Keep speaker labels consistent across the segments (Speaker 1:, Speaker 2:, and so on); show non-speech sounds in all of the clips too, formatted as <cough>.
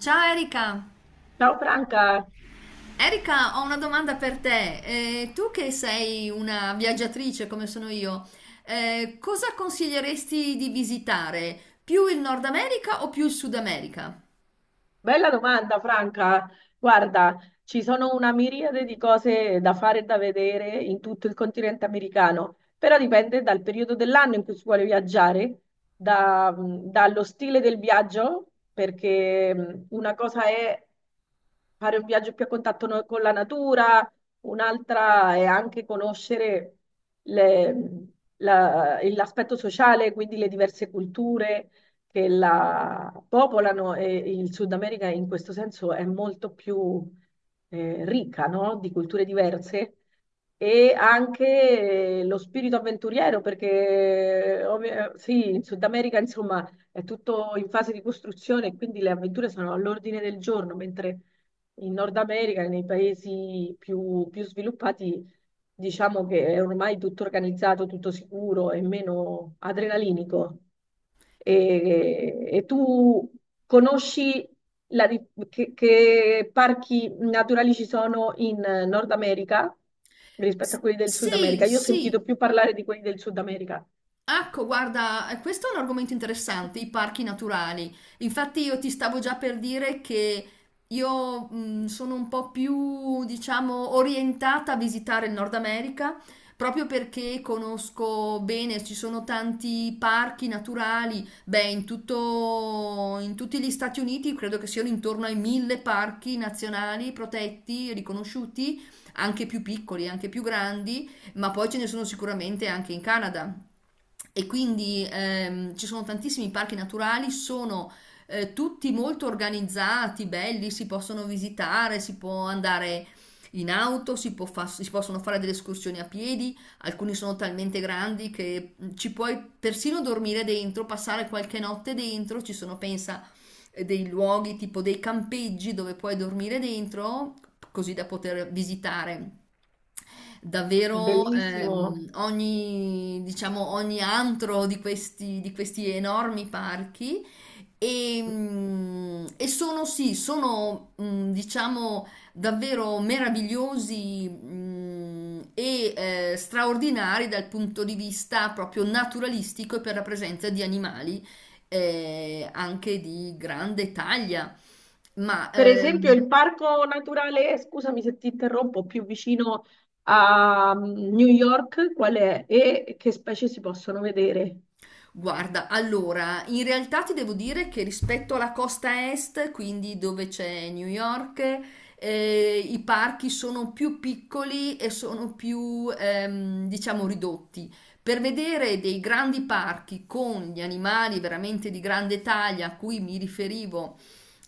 Speaker 1: Ciao Erika!
Speaker 2: Ciao Franca,
Speaker 1: Erika, ho una domanda per te. Tu che sei una viaggiatrice come sono io, cosa consiglieresti di visitare? Più il Nord America o più il Sud America?
Speaker 2: bella domanda Franca. Guarda, ci sono una miriade di cose da fare e da vedere in tutto il continente americano, però dipende dal periodo dell'anno in cui si vuole viaggiare, dallo stile del viaggio, perché una cosa è fare un viaggio più a contatto con la natura, un'altra è anche conoscere le- l'aspetto sociale, quindi le diverse culture che la popolano e il Sud America in questo senso è molto più ricca, no? Di culture diverse e anche lo spirito avventuriero, perché sì, in Sud America insomma è tutto in fase di costruzione, quindi le avventure sono all'ordine del giorno, mentre in Nord America, nei paesi più sviluppati, diciamo che è ormai tutto organizzato, tutto sicuro e meno adrenalinico. E tu conosci la di- che parchi naturali ci sono in Nord America rispetto a
Speaker 1: S-
Speaker 2: quelli del Sud
Speaker 1: sì,
Speaker 2: America? Io ho sentito
Speaker 1: sì.
Speaker 2: più parlare di quelli del Sud America.
Speaker 1: Ecco, guarda, questo è un argomento interessante, i parchi naturali. Infatti io ti stavo già per dire che io sono un po' più, diciamo, orientata a visitare il Nord America, proprio perché conosco bene, ci sono tanti parchi naturali, beh, in tutti gli Stati Uniti credo che siano intorno ai mille parchi nazionali protetti, riconosciuti, anche più piccoli, anche più grandi, ma poi ce ne sono sicuramente anche in Canada. E quindi ci sono tantissimi parchi naturali, sono tutti molto organizzati, belli, si possono visitare, si può andare in auto, si possono fare delle escursioni a piedi, alcuni sono talmente grandi che ci puoi persino dormire dentro, passare qualche notte dentro, ci sono, pensa, dei luoghi tipo dei campeggi dove puoi dormire dentro, così da poter visitare davvero,
Speaker 2: Bellissimo.
Speaker 1: ogni, diciamo, ogni antro di questi enormi parchi. E sono sì, sono, diciamo, davvero meravigliosi, e straordinari dal punto di vista proprio naturalistico e per la presenza di animali, anche di grande taglia. Ma
Speaker 2: Per esempio, il
Speaker 1: ehm,
Speaker 2: parco naturale, scusami se ti interrompo, più vicino a New York, qual è? E che specie si possono vedere?
Speaker 1: Guarda, allora, in realtà ti devo dire che rispetto alla costa est, quindi dove c'è New York, i parchi sono più piccoli e sono più, diciamo, ridotti. Per vedere dei grandi parchi con gli animali veramente di grande taglia a cui mi riferivo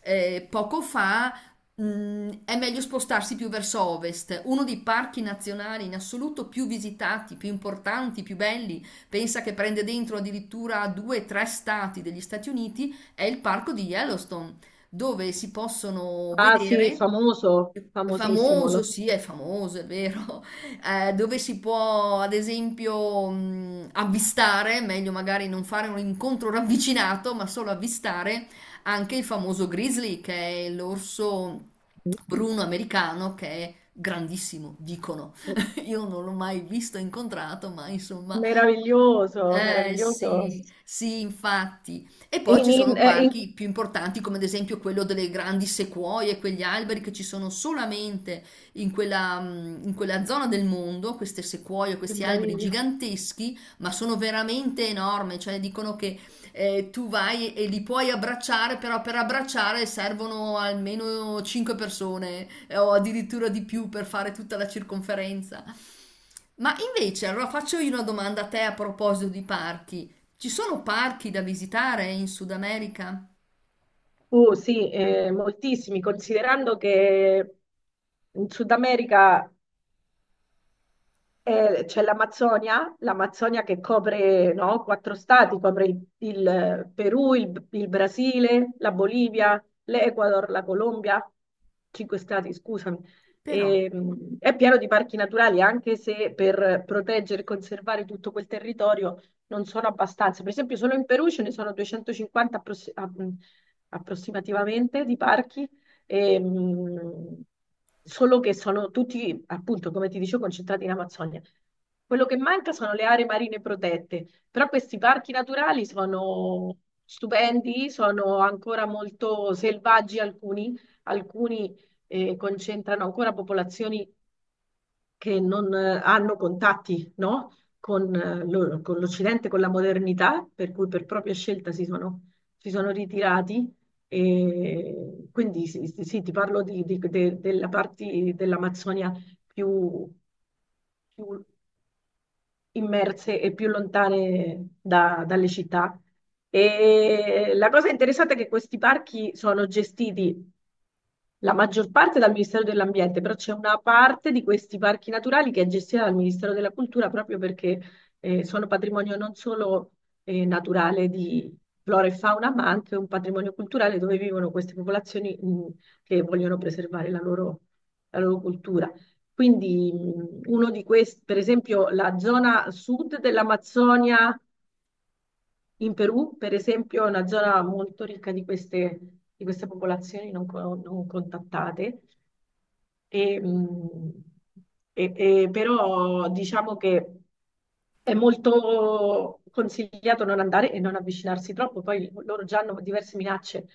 Speaker 1: poco fa, è meglio spostarsi più verso ovest. Uno dei parchi nazionali in assoluto più visitati, più importanti, più belli. Pensa che prende dentro addirittura due o tre stati degli Stati Uniti, è il parco di Yellowstone, dove si possono
Speaker 2: Ah sì,
Speaker 1: vedere.
Speaker 2: famoso, famosissimo.
Speaker 1: Famoso, sì, è famoso, è vero. <laughs> Dove si può, ad esempio, avvistare, meglio magari non fare un incontro ravvicinato, ma solo avvistare anche il famoso grizzly, che è l'orso bruno americano, che è grandissimo, dicono.
Speaker 2: <laughs>
Speaker 1: <laughs> Io non l'ho mai visto, incontrato, ma insomma
Speaker 2: Meraviglioso,
Speaker 1: eh
Speaker 2: meraviglioso.
Speaker 1: sì, sì, infatti. E poi ci
Speaker 2: In- in-
Speaker 1: sono
Speaker 2: eh, in-
Speaker 1: parchi più importanti, come ad esempio quello delle grandi sequoie, quegli alberi che ci sono solamente in quella, in quella zona del mondo, queste sequoie,
Speaker 2: Che
Speaker 1: questi alberi
Speaker 2: meraviglia.
Speaker 1: giganteschi, ma sono veramente enormi, cioè dicono che tu vai e li puoi abbracciare, però per abbracciare servono almeno 5 persone, o addirittura di più per fare tutta la circonferenza. Ma invece, allora faccio io una domanda a te a proposito di parchi. Ci sono parchi da visitare in Sud America?
Speaker 2: Sì, moltissimi, considerando che in Sud America. C'è l'Amazzonia, l'Amazzonia che copre, no, quattro stati, copre il Perù, il Brasile, la Bolivia, l'Ecuador, la Colombia, cinque stati, scusami.
Speaker 1: Però,
Speaker 2: E, è pieno di parchi naturali, anche se per proteggere e conservare tutto quel territorio non sono abbastanza. Per esempio, solo in Perù ce ne sono 250 approssimativamente di parchi e, solo che sono tutti, appunto, come ti dicevo, concentrati in Amazzonia. Quello che manca sono le aree marine protette, però questi parchi naturali sono stupendi, sono ancora molto selvaggi alcuni, alcuni concentrano ancora popolazioni che non hanno contatti, no? Con con l'Occidente, con la modernità, per cui per propria scelta si sono ritirati. E quindi sì, sì, sì, ti parlo della parte dell'Amazzonia più, più immerse e più lontane dalle città. E la cosa interessante è che questi parchi sono gestiti la maggior parte dal Ministero dell'Ambiente, però c'è una parte di questi parchi naturali che è gestita dal Ministero della Cultura proprio perché sono patrimonio non solo naturale di flora e fauna, ma anche un patrimonio culturale dove vivono queste popolazioni che vogliono preservare la loro cultura. Quindi uno di questi, per esempio, la zona sud dell'Amazzonia in Perù, per esempio, è una zona molto ricca di queste popolazioni non contattate e, e- però diciamo che è molto consigliato non andare e non avvicinarsi troppo, poi loro già hanno diverse minacce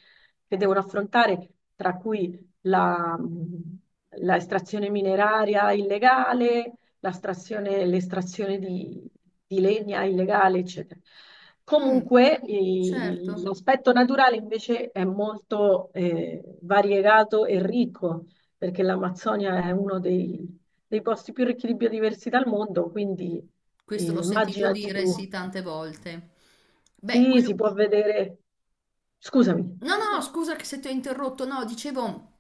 Speaker 2: che devono affrontare, tra cui la estrazione mineraria illegale, l'estrazione di, legna illegale, eccetera.
Speaker 1: mm,
Speaker 2: Comunque,
Speaker 1: certo,
Speaker 2: l'aspetto naturale invece è molto variegato e ricco perché l'Amazzonia è uno dei posti più ricchi di biodiversità al mondo, quindi
Speaker 1: questo l'ho sentito
Speaker 2: immaginati
Speaker 1: dire
Speaker 2: tu.
Speaker 1: sì tante volte. Beh,
Speaker 2: Sì,
Speaker 1: quello,
Speaker 2: si può vedere, scusami,
Speaker 1: no, no, no, scusa che se ti ho interrotto, no, dicevo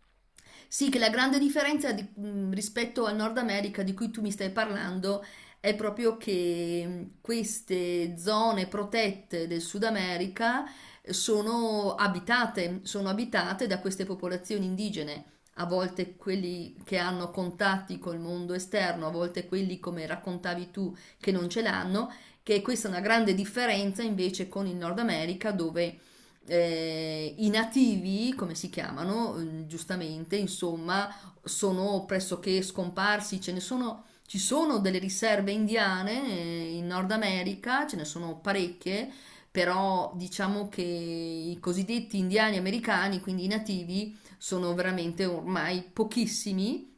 Speaker 1: sì che la grande differenza rispetto al Nord America di cui tu mi stai parlando è proprio che, queste zone protette del Sud America sono abitate da queste popolazioni indigene. A volte quelli che hanno contatti col mondo esterno, a volte quelli, come raccontavi tu, che non ce l'hanno, che questa è una grande differenza invece con il Nord America, dove i nativi, come si chiamano, giustamente, insomma, sono pressoché scomparsi, ce ne sono, ci sono delle riserve indiane in Nord America, ce ne sono parecchie, però diciamo che i cosiddetti indiani americani, quindi i nativi, sono veramente ormai pochissimi.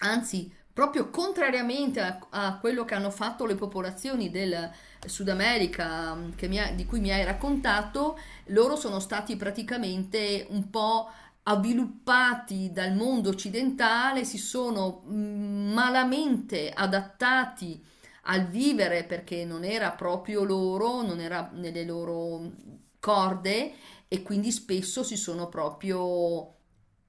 Speaker 1: Anzi, proprio contrariamente a quello che hanno fatto le popolazioni del Sud America, di cui mi hai raccontato, loro sono stati praticamente un po' avviluppati dal mondo occidentale, si sono, malamente adattati al vivere perché non era proprio loro, non era nelle loro corde e quindi spesso si sono proprio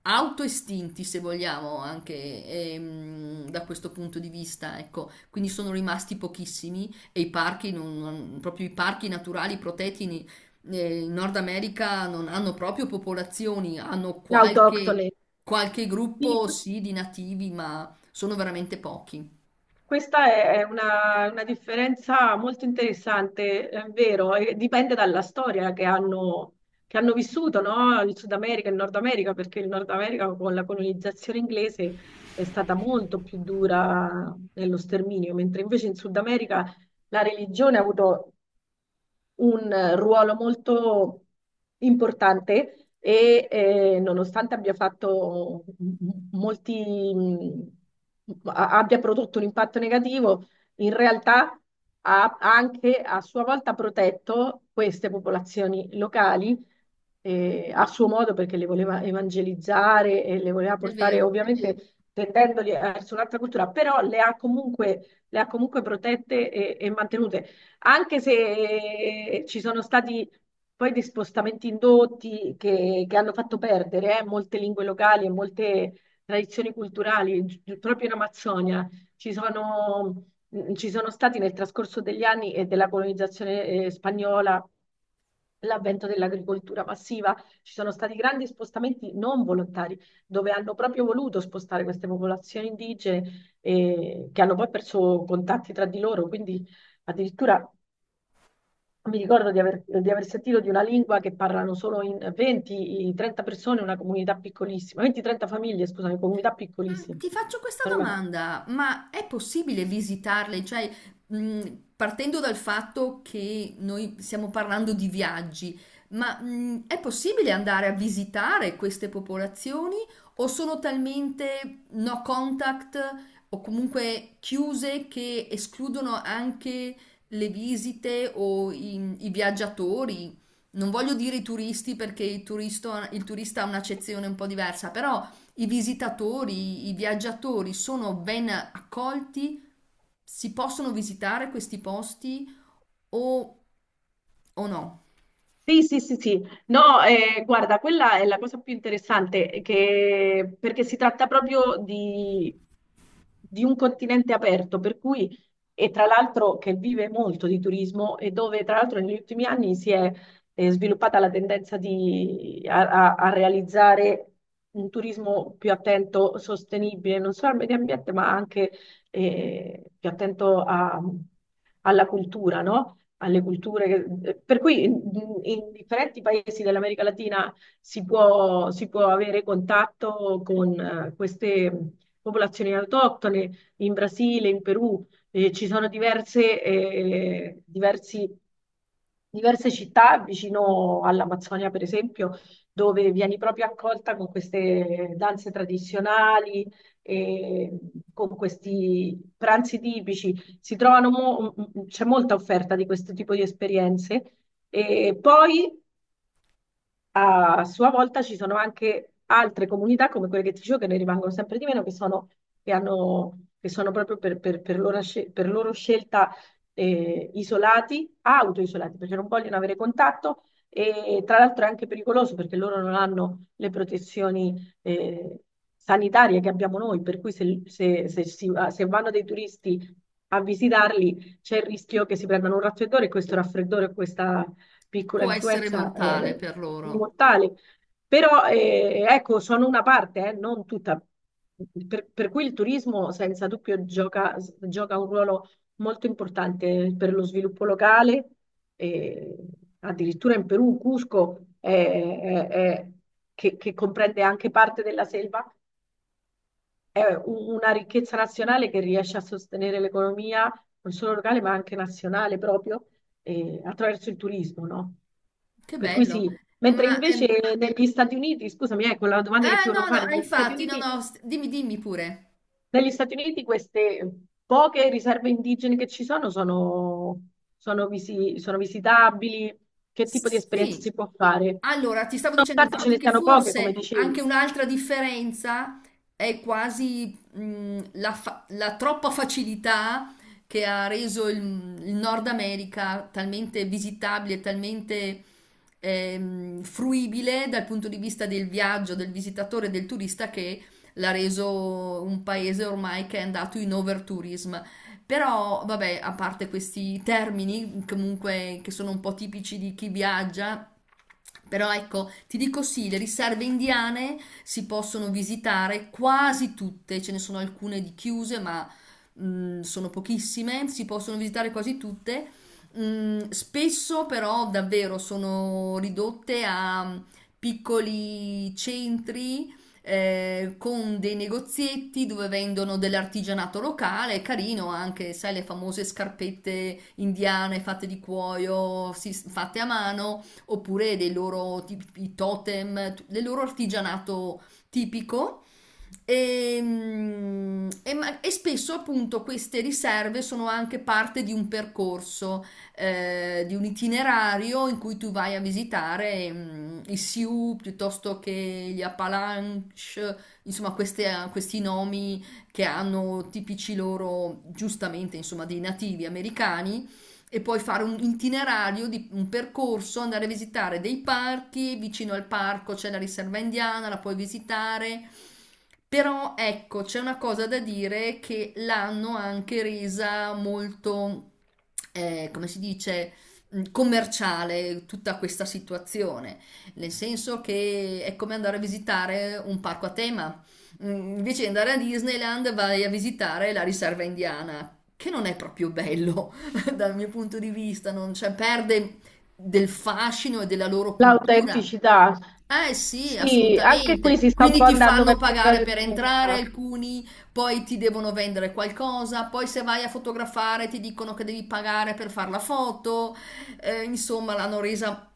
Speaker 1: autoestinti, se vogliamo, anche da questo punto di vista, ecco, quindi sono rimasti pochissimi e i parchi, proprio i parchi naturali protetti in, in Nord America non hanno proprio popolazioni, hanno
Speaker 2: <laughs>
Speaker 1: qualche,
Speaker 2: autoctone.
Speaker 1: qualche
Speaker 2: Sì,
Speaker 1: gruppo sì di nativi, ma sono veramente pochi.
Speaker 2: questa è una differenza molto interessante, è vero, e dipende dalla storia che hanno vissuto, no? Il Sud America e il Nord America, perché il Nord America con la colonizzazione inglese è stata molto più dura nello sterminio, mentre invece in Sud America la religione ha avuto un ruolo molto importante e nonostante abbia fatto molti, abbia prodotto un impatto negativo, in realtà ha anche a sua volta protetto queste popolazioni locali a suo modo perché le voleva evangelizzare e le voleva
Speaker 1: È
Speaker 2: portare
Speaker 1: vero.
Speaker 2: ovviamente tendendoli verso un'altra cultura, però le ha comunque protette e mantenute anche se ci sono stati poi dei spostamenti indotti che hanno fatto perdere molte lingue locali e molte tradizioni culturali, proprio in Amazzonia. Ci sono stati nel trascorso degli anni e della colonizzazione spagnola. L'avvento dell'agricoltura passiva, ci sono stati grandi spostamenti non volontari, dove hanno proprio voluto spostare queste popolazioni indigene che hanno poi perso contatti tra di loro, quindi addirittura mi ricordo di aver sentito di una lingua che parlano solo in 20-30 persone, una comunità piccolissima, 20-30 famiglie, scusami, comunità piccolissime.
Speaker 1: Ti faccio questa domanda, ma è possibile visitarle? Cioè, mm, partendo dal fatto che noi stiamo parlando di viaggi, ma, è possibile andare a visitare queste popolazioni o sono talmente no contact o comunque chiuse che escludono anche le visite o i viaggiatori? Non voglio dire i turisti perché il turista ha un'accezione un po' diversa, però... I visitatori, i viaggiatori sono ben accolti? Si possono visitare questi posti o, o no?
Speaker 2: Sì, sì, sì, sì. No, guarda, quella è la cosa più interessante, perché si tratta proprio di un continente aperto, per cui, e tra l'altro che vive molto di turismo e dove tra l'altro negli ultimi anni si è sviluppata la tendenza a realizzare un turismo più attento, sostenibile, non solo al medio ambiente, ma anche più attento alla cultura, no? Alle culture, per cui in differenti paesi dell'America Latina si può avere contatto con queste popolazioni autoctone, in Brasile, in Perù, ci sono diverse città vicino all'Amazzonia, per esempio, dove vieni proprio accolta con queste danze tradizionali, e con questi pranzi tipici si trovano c'è molta offerta di questo tipo di esperienze. E poi a sua volta ci sono anche altre comunità come quelle che ti dicevo che ne rimangono sempre di meno, che sono, che hanno, che sono proprio per loro scelta isolati, autoisolati, perché non vogliono avere contatto e tra l'altro è anche pericoloso perché loro non hanno le protezioni eh, sanitarie che abbiamo noi, per cui se vanno dei turisti a visitarli c'è il rischio che si prendano un raffreddore e questo raffreddore o piccola
Speaker 1: Può essere
Speaker 2: influenza
Speaker 1: mortale per loro.
Speaker 2: mortale. Però ecco, sono una parte, non tutta. Per cui il turismo senza dubbio gioca un ruolo molto importante per lo sviluppo locale. E addirittura in Perù, Cusco, che comprende anche parte della selva, è una ricchezza nazionale che riesce a sostenere l'economia non solo locale ma anche nazionale proprio attraverso il turismo, no?
Speaker 1: Che
Speaker 2: Per cui
Speaker 1: bello.
Speaker 2: sì, mentre
Speaker 1: Ma...
Speaker 2: invece
Speaker 1: ehm,
Speaker 2: negli Stati Uniti, scusami, ecco la domanda che
Speaker 1: ah,
Speaker 2: ti volevo
Speaker 1: no, no,
Speaker 2: fare,
Speaker 1: infatti, no, no, dimmi, dimmi pure.
Speaker 2: Negli Stati Uniti queste poche riserve indigene che ci sono sono, sono visitabili, che tipo di esperienza
Speaker 1: Sì.
Speaker 2: si può fare?
Speaker 1: Allora, ti stavo dicendo
Speaker 2: Nonostante ce
Speaker 1: infatti
Speaker 2: ne
Speaker 1: che
Speaker 2: siano poche, come
Speaker 1: forse anche
Speaker 2: dicevi.
Speaker 1: un'altra differenza è quasi, la troppa facilità che ha reso il Nord America talmente visitabile, talmente fruibile dal punto di vista del viaggio, del visitatore, del turista, che l'ha reso un paese ormai che è andato in overtourism. Però, vabbè, a parte questi termini, comunque, che sono un po' tipici di chi viaggia, però ecco, ti dico sì, le riserve indiane si possono visitare quasi tutte, ce ne sono alcune di chiuse, ma sono pochissime, si possono visitare quasi tutte. Spesso però davvero sono ridotte a, piccoli centri con dei negozietti dove vendono dell'artigianato locale, carino anche, sai, le famose scarpette indiane fatte di cuoio, fatte a mano, oppure dei loro tipi, totem, del loro artigianato tipico. E spesso appunto queste riserve sono anche parte di un percorso, di un itinerario in cui tu vai a visitare, i Sioux piuttosto che gli Appalache, insomma questi nomi che hanno tipici loro, giustamente, insomma, dei nativi americani, e poi fare un itinerario di un percorso, andare a visitare dei parchi, vicino al parco c'è la riserva indiana, la puoi visitare. Però ecco, c'è una cosa da dire, che l'hanno anche resa molto, come si dice, commerciale, tutta questa situazione, nel senso che è come andare a visitare un parco a tema. Invece di andare a Disneyland vai a visitare la riserva indiana, che non è proprio bello. <laughs> Dal mio punto di vista, non, cioè, perde del fascino e della loro cultura.
Speaker 2: L'autenticità.
Speaker 1: Eh sì,
Speaker 2: Sì, anche qui
Speaker 1: assolutamente.
Speaker 2: si sta un
Speaker 1: Quindi
Speaker 2: po'
Speaker 1: ti
Speaker 2: andando
Speaker 1: fanno
Speaker 2: verso
Speaker 1: pagare
Speaker 2: quella
Speaker 1: per entrare
Speaker 2: tendenza.
Speaker 1: alcuni, poi ti devono vendere qualcosa, poi se vai a fotografare ti dicono che devi pagare per fare la foto. Insomma, l'hanno resa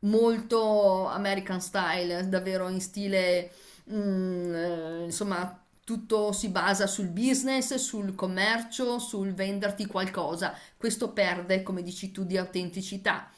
Speaker 1: molto American style, davvero in stile, insomma, tutto si basa sul business, sul commercio, sul venderti qualcosa, questo perde, come dici tu, di autenticità.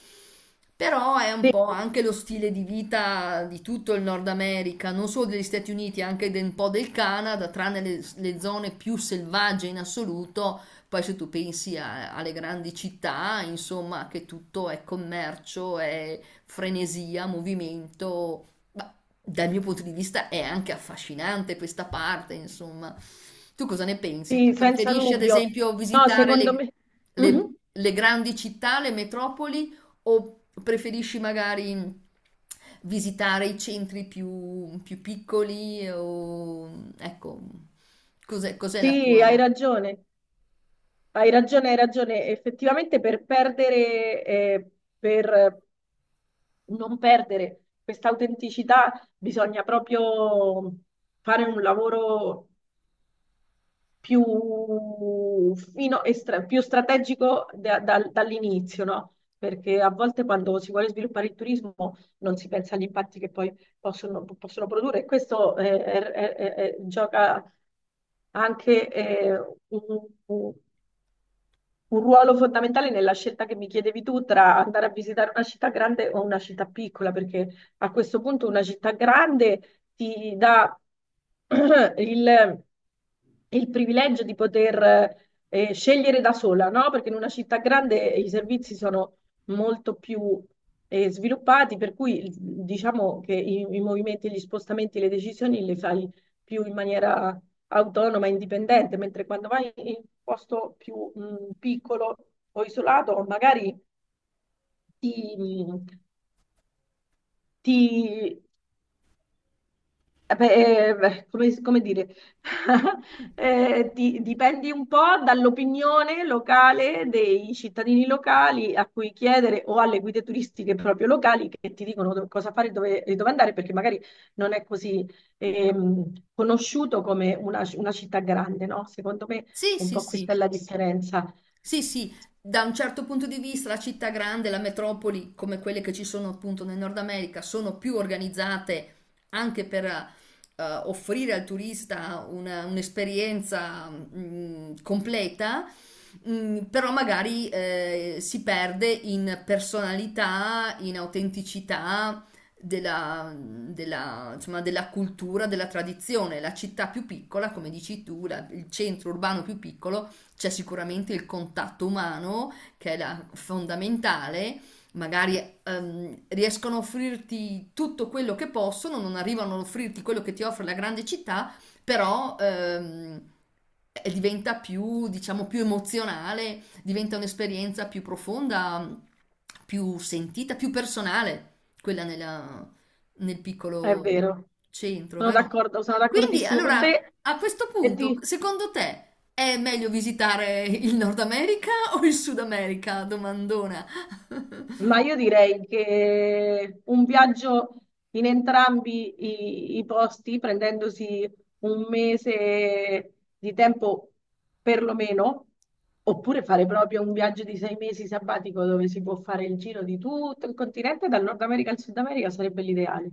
Speaker 1: Però è un
Speaker 2: Sì,
Speaker 1: po' anche lo stile di vita di tutto il Nord America, non solo degli Stati Uniti, anche un po' del Canada, tranne le zone più selvagge in assoluto. Poi se tu pensi alle grandi città, insomma, che tutto è commercio, è frenesia, movimento. Ma dal mio punto di vista è anche affascinante questa parte, insomma. Tu cosa ne pensi? Tu
Speaker 2: sì, senza
Speaker 1: preferisci, ad
Speaker 2: dubbio.
Speaker 1: esempio,
Speaker 2: No,
Speaker 1: visitare
Speaker 2: secondo
Speaker 1: le
Speaker 2: me. Mhm.
Speaker 1: le grandi città, le metropoli, o preferisci magari visitare i centri più, più piccoli? O, ecco, cos'è, cos'è la
Speaker 2: Sì,
Speaker 1: tua...
Speaker 2: hai ragione. Hai ragione, hai ragione. Effettivamente per non perdere questa autenticità bisogna proprio fare un lavoro più, più strategico dall'inizio, no? Perché a volte quando si vuole sviluppare il turismo non si pensa agli impatti che poi possono produrre e questo gioca anche un, un- un ruolo fondamentale nella scelta che mi chiedevi tu tra andare a visitare una città grande o una città piccola, perché a questo punto una città grande ti dà <clears throat> il, il privilegio di poter scegliere da sola, no? Perché in una città grande i servizi sono molto più sviluppati, per cui diciamo che i movimenti, gli spostamenti, le decisioni le fai più in maniera autonoma e indipendente, mentre quando vai in un posto più piccolo o isolato, magari ti, mm, ti beh, beh, come dire, <laughs> dipendi un po' dall'opinione locale dei cittadini locali a cui chiedere o alle guide turistiche proprio locali che ti dicono cosa fare e dove andare, perché magari non è così conosciuto come una città grande, no? Secondo me
Speaker 1: Sì,
Speaker 2: un
Speaker 1: sì,
Speaker 2: po' questa è
Speaker 1: sì.
Speaker 2: la differenza.
Speaker 1: Sì, sì, da un certo punto di vista la città grande, la metropoli, come quelle che ci sono appunto nel Nord America, sono più organizzate anche per, offrire al turista un'esperienza completa, però magari, si perde in personalità, in autenticità della, insomma, della cultura, della tradizione. La città più piccola, come dici tu, il centro urbano più piccolo, c'è sicuramente il contatto umano che è fondamentale, magari riescono a offrirti tutto quello che possono, non arrivano ad offrirti quello che ti offre la grande città, però diventa più, diciamo, più emozionale, diventa un'esperienza più profonda, più sentita, più personale, quella nel
Speaker 2: È
Speaker 1: piccolo
Speaker 2: vero,
Speaker 1: centro,
Speaker 2: sono
Speaker 1: vero?
Speaker 2: d'accordo, sono
Speaker 1: Quindi,
Speaker 2: d'accordissimo con
Speaker 1: allora,
Speaker 2: te.
Speaker 1: a questo
Speaker 2: E
Speaker 1: punto,
Speaker 2: ti-
Speaker 1: secondo te è meglio visitare il Nord America o il Sud America? Domandona.
Speaker 2: ma io direi che un viaggio in entrambi i posti, prendendosi 1 mese di tempo perlomeno, oppure fare proprio un viaggio di 6 mesi sabbatico dove si può fare il giro di tutto il continente, dal Nord America al Sud America, sarebbe l'ideale.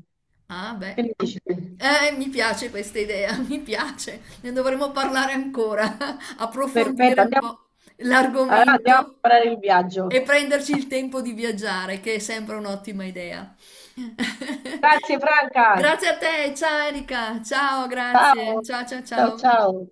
Speaker 1: Ah, beh.
Speaker 2: Che ne dici?
Speaker 1: Mi piace questa idea, <laughs> mi piace. Ne dovremo parlare ancora, <laughs>
Speaker 2: Perfetto,
Speaker 1: approfondire un
Speaker 2: andiamo,
Speaker 1: po'
Speaker 2: allora andiamo a
Speaker 1: l'argomento.
Speaker 2: preparare il viaggio.
Speaker 1: E prenderci il tempo di viaggiare, che è sempre un'ottima idea. <laughs>
Speaker 2: Grazie Franca.
Speaker 1: Grazie a te, ciao Erika, ciao,
Speaker 2: Ciao,
Speaker 1: grazie, ciao ciao
Speaker 2: ciao,
Speaker 1: ciao.
Speaker 2: ciao.